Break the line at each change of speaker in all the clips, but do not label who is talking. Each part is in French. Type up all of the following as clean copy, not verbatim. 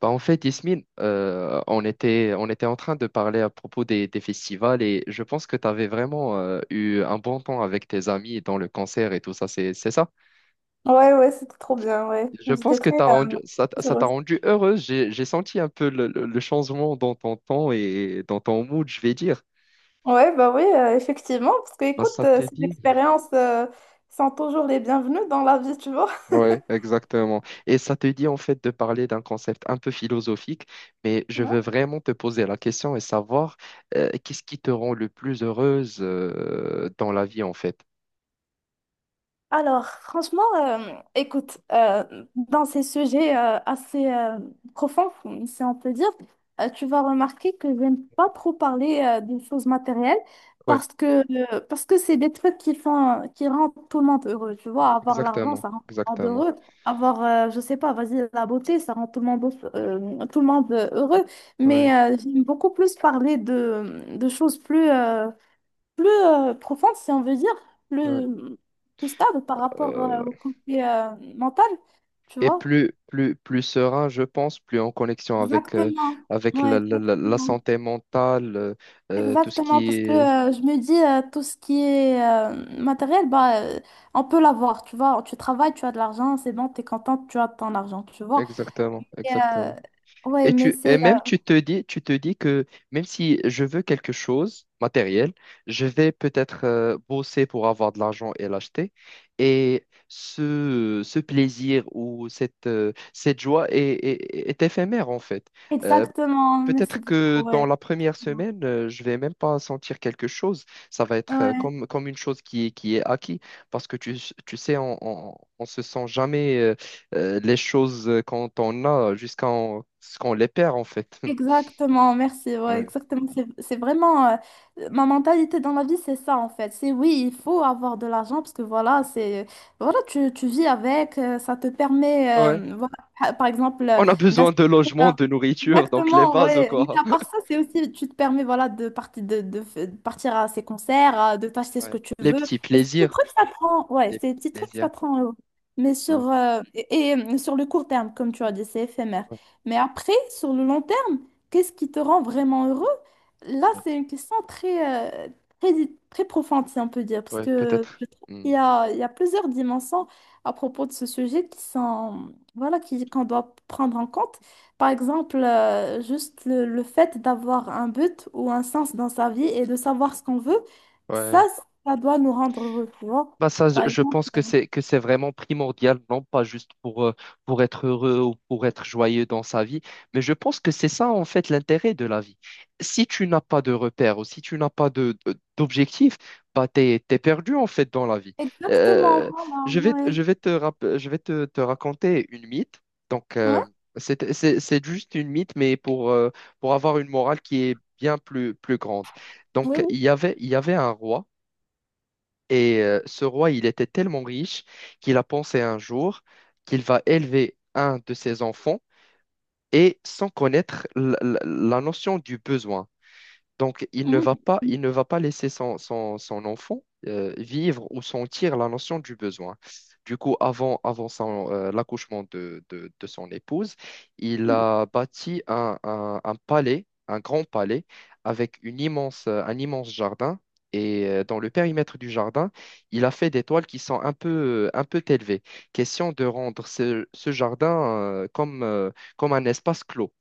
Yasmine, on était en train de parler à propos des festivals et je pense que tu avais vraiment eu un bon temps avec tes amis dans le concert et tout ça, c'est ça?
Ouais, ouais, c'était trop bien, ouais.
Je
J'étais
pense que t'as rendu, ça, t-
très
ça t'a
heureuse.
rendu heureuse. J'ai senti un peu le changement dans ton temps et dans ton mood, je vais dire.
Ouais, bah oui, effectivement, parce que
Bah,
écoute,
ça t'a
ces
dit?
expériences sont toujours les bienvenues dans la vie, tu vois.
Oui, exactement. Et ça te dit en fait de parler d'un concept un peu philosophique, mais je veux vraiment te poser la question et savoir qu'est-ce qui te rend le plus heureuse dans la vie en fait.
Alors, franchement, écoute, dans ces sujets assez profonds, si on peut dire, tu vas remarquer que je n'aime pas trop parler des choses matérielles
Oui,
parce que parce que c'est des trucs qui font qui rendent tout le monde heureux. Tu vois, avoir l'argent,
exactement,
ça rend tout le monde
exactement.
heureux. Avoir, je sais pas, vas-y, la beauté, ça rend tout le monde heureux.
Oui,
Mais j'aime beaucoup plus parler de choses plus profonde, si on veut dire,
oui.
plus, plus stable par rapport
Euh,
au côté mental, tu
et
vois?
plus, plus, plus serein, je pense, plus en connexion avec,
Exactement.
avec
Ouais,
la
exactement.
santé mentale, tout ce
Exactement,
qui
parce que
est...
je me dis, tout ce qui est matériel, bah, on peut l'avoir, tu vois. Tu travailles, tu as de l'argent, c'est bon, t'es contente, tu as ton argent, tu vois.
Exactement,
Et,
exactement.
ouais,
Et
mais
tu, et
c'est...
même tu te dis que même si je veux quelque chose matériel, je vais peut-être bosser pour avoir de l'argent et l'acheter. Et ce plaisir ou cette joie est, est éphémère en fait. Euh,
exactement, merci
Peut-être que
beaucoup,
dans
ouais.
la première semaine, je vais même pas sentir quelque chose. Ça va être
Ouais.
comme, comme une chose qui est acquis. Parce que tu sais, on se sent jamais les choses quand on a ce qu'on les perd, en fait.
Exactement, merci. Ouais,
Ouais.
exactement. C'est vraiment ma mentalité dans la vie, c'est ça en fait. C'est oui, il faut avoir de l'argent parce que voilà, c'est voilà, tu vis avec, ça te permet,
Ouais.
voilà, par exemple,
On a besoin de
d'assister
logement,
à-
de nourriture, donc les
Exactement,
bases,
ouais. Mais
quoi.
à part ça, c'est aussi, tu te permets voilà, de, partir de f- de partir à ces concerts, à- de t'acheter ce
Ouais.
que tu
Les
veux.
petits
Et ces petits
plaisirs.
trucs, ça prend, ouais,
Les
ces petits trucs,
plaisirs.
ça prend. Mais
Ouais,
sur le court terme, comme tu as dit, c'est éphémère.
ouais,
Mais après, sur le long terme, qu'est-ce qui te rend vraiment heureux? Là,
ouais.
c'est une question très, très profonde, si on peut dire, parce
Ouais,
que
peut-être.
je trouve qu'
Hmm.
il y a plusieurs dimensions à propos de ce sujet qui sont, voilà, qu'on doit prendre en compte. Par exemple, juste le fait d'avoir un but ou un sens dans sa vie et de savoir ce qu'on veut, ça,
Ouais.
ça doit nous rendre heureux, tu vois.
Bah ça,
Par
je
exemple,
pense que c'est vraiment primordial, non pas juste pour être heureux ou pour être joyeux dans sa vie, mais je pense que c'est ça en fait l'intérêt de la vie. Si tu n'as pas de repères ou si tu n'as pas d'objectif, bah t'es perdu en fait dans la vie.
exactement,
Euh,
voilà, ouais.
je vais je vais te raconter une mythe. Donc
Ouais,
c'est juste une mythe, mais pour avoir une morale qui est bien plus, plus grande.
oui,
Donc
oui.
il y avait un roi. Et ce roi, il était tellement riche qu'il a pensé un jour qu'il va élever un de ses enfants et sans connaître la notion du besoin. Donc,
Mhm.
il ne va pas laisser son enfant vivre ou sentir la notion du besoin. Du coup, avant son, l'accouchement de son épouse, il
Mhm.
a bâti un palais, un grand palais, avec une immense, un immense jardin. Et dans le périmètre du jardin, il a fait des toiles qui sont un peu élevées. Question de rendre ce jardin comme un espace clos.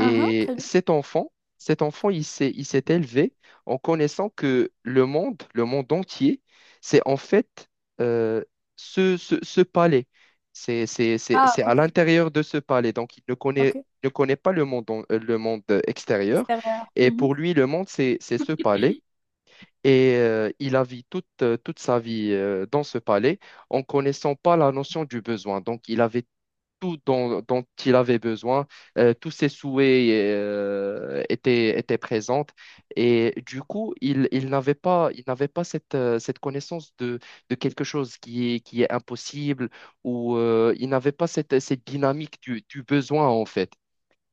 Ah, ah, très bien.
cet enfant, il s'est élevé en connaissant que le monde entier, c'est en fait euh, ce palais.
Ah,
C'est à
ok.
l'intérieur de ce palais. Donc, il ne connaît,
Ok,
ne connaît pas le monde, le monde extérieur.
extérieur.
Et
Mhm.
pour lui, le monde, c'est ce palais. Et il a vécu toute sa vie dans ce palais en connaissant pas la notion du besoin. Donc, il avait tout dont, dont il avait besoin, tous ses souhaits étaient présents. Et du coup, il n'avait pas, il n'avait pas cette connaissance de quelque chose qui est impossible ou il n'avait pas cette dynamique du besoin en fait.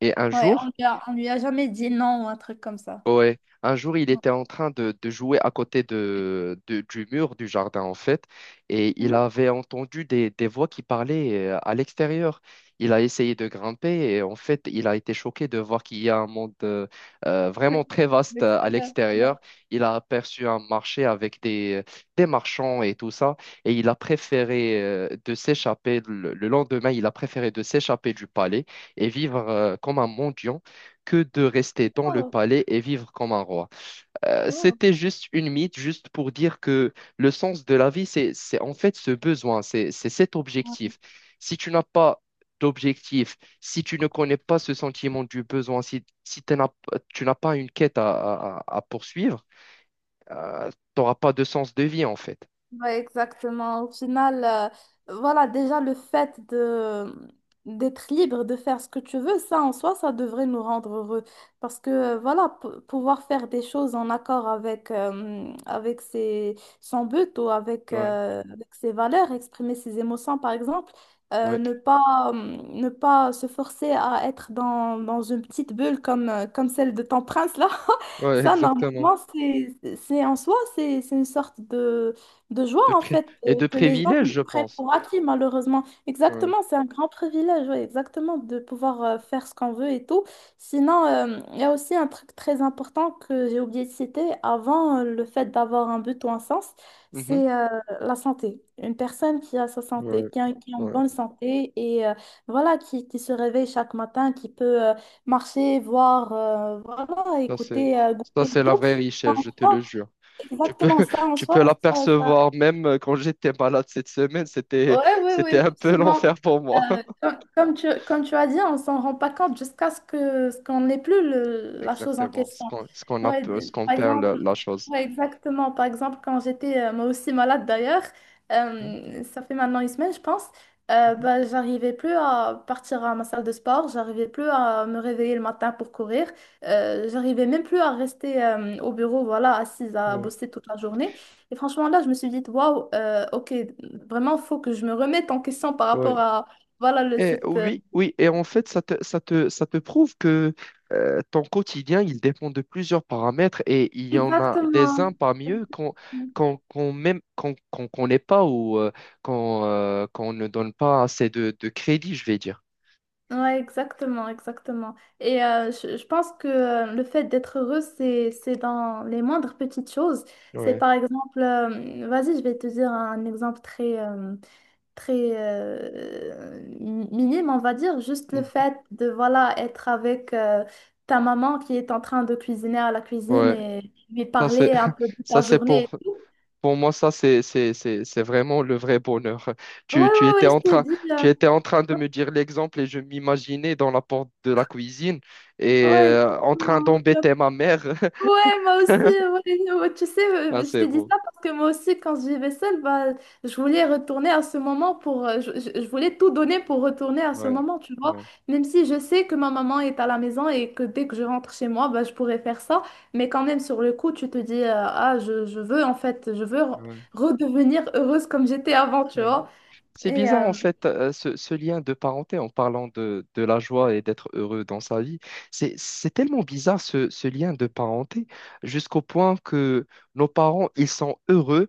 Et un
Ouais,
jour,
on lui a jamais dit non ou un truc comme ça.
Ouais, un jour il était en train de jouer à côté du mur du jardin en fait, et il
Mhm.
avait entendu des voix qui parlaient à l'extérieur. Il a essayé de grimper et en fait il a été choqué de voir qu'il y a un monde vraiment très vaste à
D'extérieur. Ouais.
l'extérieur. Il a aperçu un marché avec des marchands et tout ça, et il a préféré de s'échapper le lendemain, il a préféré de s'échapper du palais et vivre comme un mendiant que de rester dans le
Oh,
palais et vivre comme un roi.
wow.
C'était juste une mythe, juste pour dire que le sens de la vie, c'est en fait ce besoin, c'est cet objectif. Si tu n'as pas d'objectif, si tu ne connais pas ce sentiment du besoin, si, si t'en as- tu n'as pas une quête à, à poursuivre, tu n'auras pas de sens de vie en fait.
Ouais, exactement. Au final, voilà, déjà le fait de d'être libre, de faire ce que tu veux, ça en soi, ça devrait nous rendre heureux. Parce que, voilà, pouvoir faire des choses en accord avec, avec ses, son but ou avec,
Ouais,
avec ses valeurs, exprimer ses émotions, par exemple,
ouais,
ne pas se forcer à être dans une petite bulle comme, comme celle de ton prince, là,
ouais,
ça,
exactement.
normalement, c'est en soi, c'est une sorte de joie
de
en
pri-
fait
et
et
de
que les gens
privilèges,
nous
je
prennent
pense.
pour acquis malheureusement.
Ouais.
Exactement, c'est un grand privilège, ouais, exactement, de pouvoir faire ce qu'on veut et tout. Sinon, il y a aussi un truc très important que j'ai oublié de citer avant le fait d'avoir un but ou un sens,
Mhm.
c'est la santé. Une personne qui a sa
Ouais,
santé, qui a une
ouais.
bonne santé et voilà, qui se réveille chaque matin, qui peut marcher, voir, voilà,
Ça, c'est,
écouter,
ça,
goûter
c'est
et
la
tout.
vraie richesse, je te
Oh,
le jure. Tu peux,
exactement ça en
tu
soi.
peux l'apercevoir même quand j'étais malade cette semaine,
Ouais, oui, oui,
c'était un peu
effectivement.
l'enfer pour moi.
Comme tu as dit, on s'en rend pas compte jusqu'à ce que ce qu'on n'ait plus la chose en
Exactement,
question.
ce qu'on a,
Ouais,
ce qu'on
par
perd,
exemple,
la chose.
ouais, exactement. Par exemple, quand j'étais moi aussi malade d'ailleurs,
Mhm,
ça fait maintenant une semaine, je pense,
mhm.
bah, j'arrivais plus à partir à ma salle de sport, j'arrivais plus à me réveiller le matin pour courir, j'arrivais même plus à rester au bureau, voilà, assise à
Ouais.
bosser toute la journée. Et franchement, là, je me suis dit, waouh, ok, vraiment, faut que je me remette en question par
Ouais.
rapport à, voilà, le,
Eh,
cette...
oui, oui, et en fait, ça te prouve que ton quotidien, il dépend de plusieurs paramètres et il y en a des
exactement.
uns parmi eux qu'on connaît pas ou qu'on ne donne pas assez de crédit, je vais dire.
Ouais, exactement, exactement. Et je pense que le fait d'être heureux, c'est dans les moindres petites choses. C'est
Ouais.
par exemple, vas-y, je vais te dire un exemple très minime, on va dire, juste le
Mm.
fait de voilà être avec ta maman qui est en train de cuisiner à la cuisine
Ouais,
et lui
ça c'est
parler un peu de
ça
ta
c'est
journée et tout.
pour moi, ça, c'est vraiment le vrai bonheur.
Ouais,
Tu, tu
ouais,
étais
ouais, je
en
te
train,
dis.
tu étais en train de me dire l'exemple et je m'imaginais dans la porte de la cuisine et
Ouais,
en train
exactement. Tu as
d'embêter ma mère.
ouais, moi aussi, ouais, ouais, tu sais,
Ah,
je
c'est
t'ai dit
beau.
ça parce que moi aussi, quand je vivais seule, bah, je voulais retourner à ce moment pour, je voulais tout donner pour retourner à ce
Ouais,
moment, tu vois,
ouais,
même si je sais que ma maman est à la maison et que dès que je rentre chez moi, bah, je pourrais faire ça, mais quand même, sur le coup, tu te dis, ah, je veux, en fait,
ouais,
redevenir heureuse comme j'étais avant, tu
ouais.
vois,
C'est
et,
bizarre, en fait, ce lien de parenté en parlant de la joie et d'être heureux dans sa vie. C'est tellement bizarre, ce lien de parenté, jusqu'au point que nos parents, ils sont heureux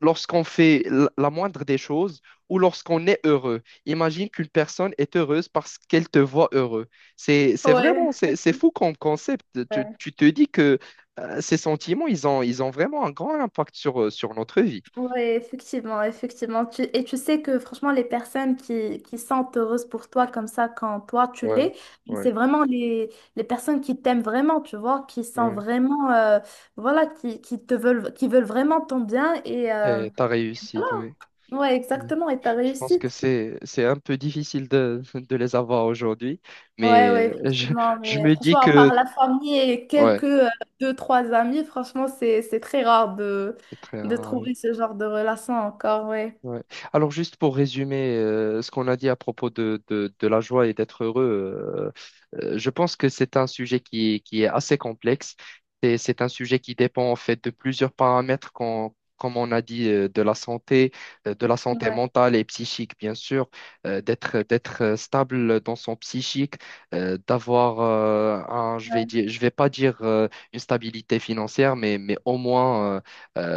lorsqu'on fait la moindre des choses ou lorsqu'on est heureux. Imagine qu'une personne est heureuse parce qu'elle te voit heureux.
ouais.
C'est fou comme concept.
Ouais.
Tu te dis que ces sentiments, ils ont vraiment un grand impact sur, sur notre vie.
Ouais, effectivement, effectivement. Tu- et tu sais que franchement, les personnes qui sont heureuses pour toi comme ça quand toi tu
Ouais,
l'es,
ouais,
c'est vraiment les personnes qui t'aiment vraiment, tu vois, qui sont
ouais.
vraiment, voilà, qui te veulent, qui veulent vraiment ton bien et
Et t'as réussi, oui.
ouais,
Oui.
exactement, et ta
Je pense que
réussite.
c'est un peu difficile de les avoir aujourd'hui,
Ouais,
mais
ouais,
je,
effectivement.
je
Mais
me dis
franchement, à part
que...
la famille et
Ouais,
quelques deux, trois amis, franchement, c'est très rare
c'est très
de
rare.
trouver ce genre de relation encore, ouais.
Ouais. Alors juste pour résumer ce qu'on a dit à propos de la joie et d'être heureux, je pense que c'est un sujet qui est assez complexe. C'est un sujet qui dépend en fait de plusieurs paramètres comme on a dit, de la santé
Ouais,
mentale et psychique, bien sûr, d'être stable dans son psychique, d'avoir un, je vais
ouais.
dire, je vais pas dire une stabilité financière, mais au moins, euh,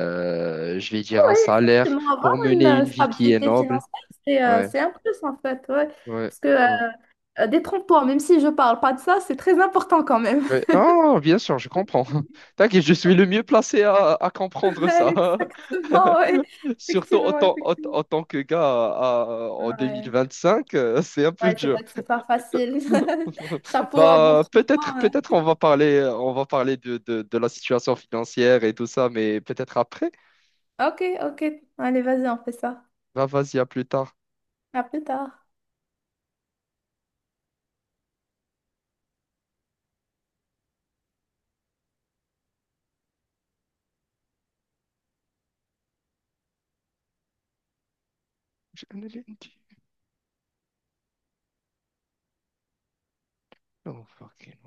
euh, je vais
Oui,
dire un salaire
exactement, avoir
pour
une
mener une vie qui est
stabilité
noble.
financière,
Ouais,
c'est un plus en fait, ouais.
ouais,
Parce que
ouais.
détrompe-toi, même si je parle pas de ça, c'est très important quand même.
Ouais. Ah, bien sûr, je comprends. T'inquiète, je suis le mieux placé à comprendre ça.
Ouais, exactement, ouais.
Surtout en
Effectivement,
tant,
effectivement.
en tant que gars en
Ouais,
2025, c'est un peu
ouais, c'est
dur.
vrai que c'est pas facile. Chapeau à vous,
Bah,
franchement. Ouais.
peut-être on va parler de la situation financière et tout ça, mais peut-être après.
Ok, ok. Allez, vas-y, on fait ça.
Bah vas-y, à plus tard.
À plus tard.
J'ai un lundi. Oh, fucking.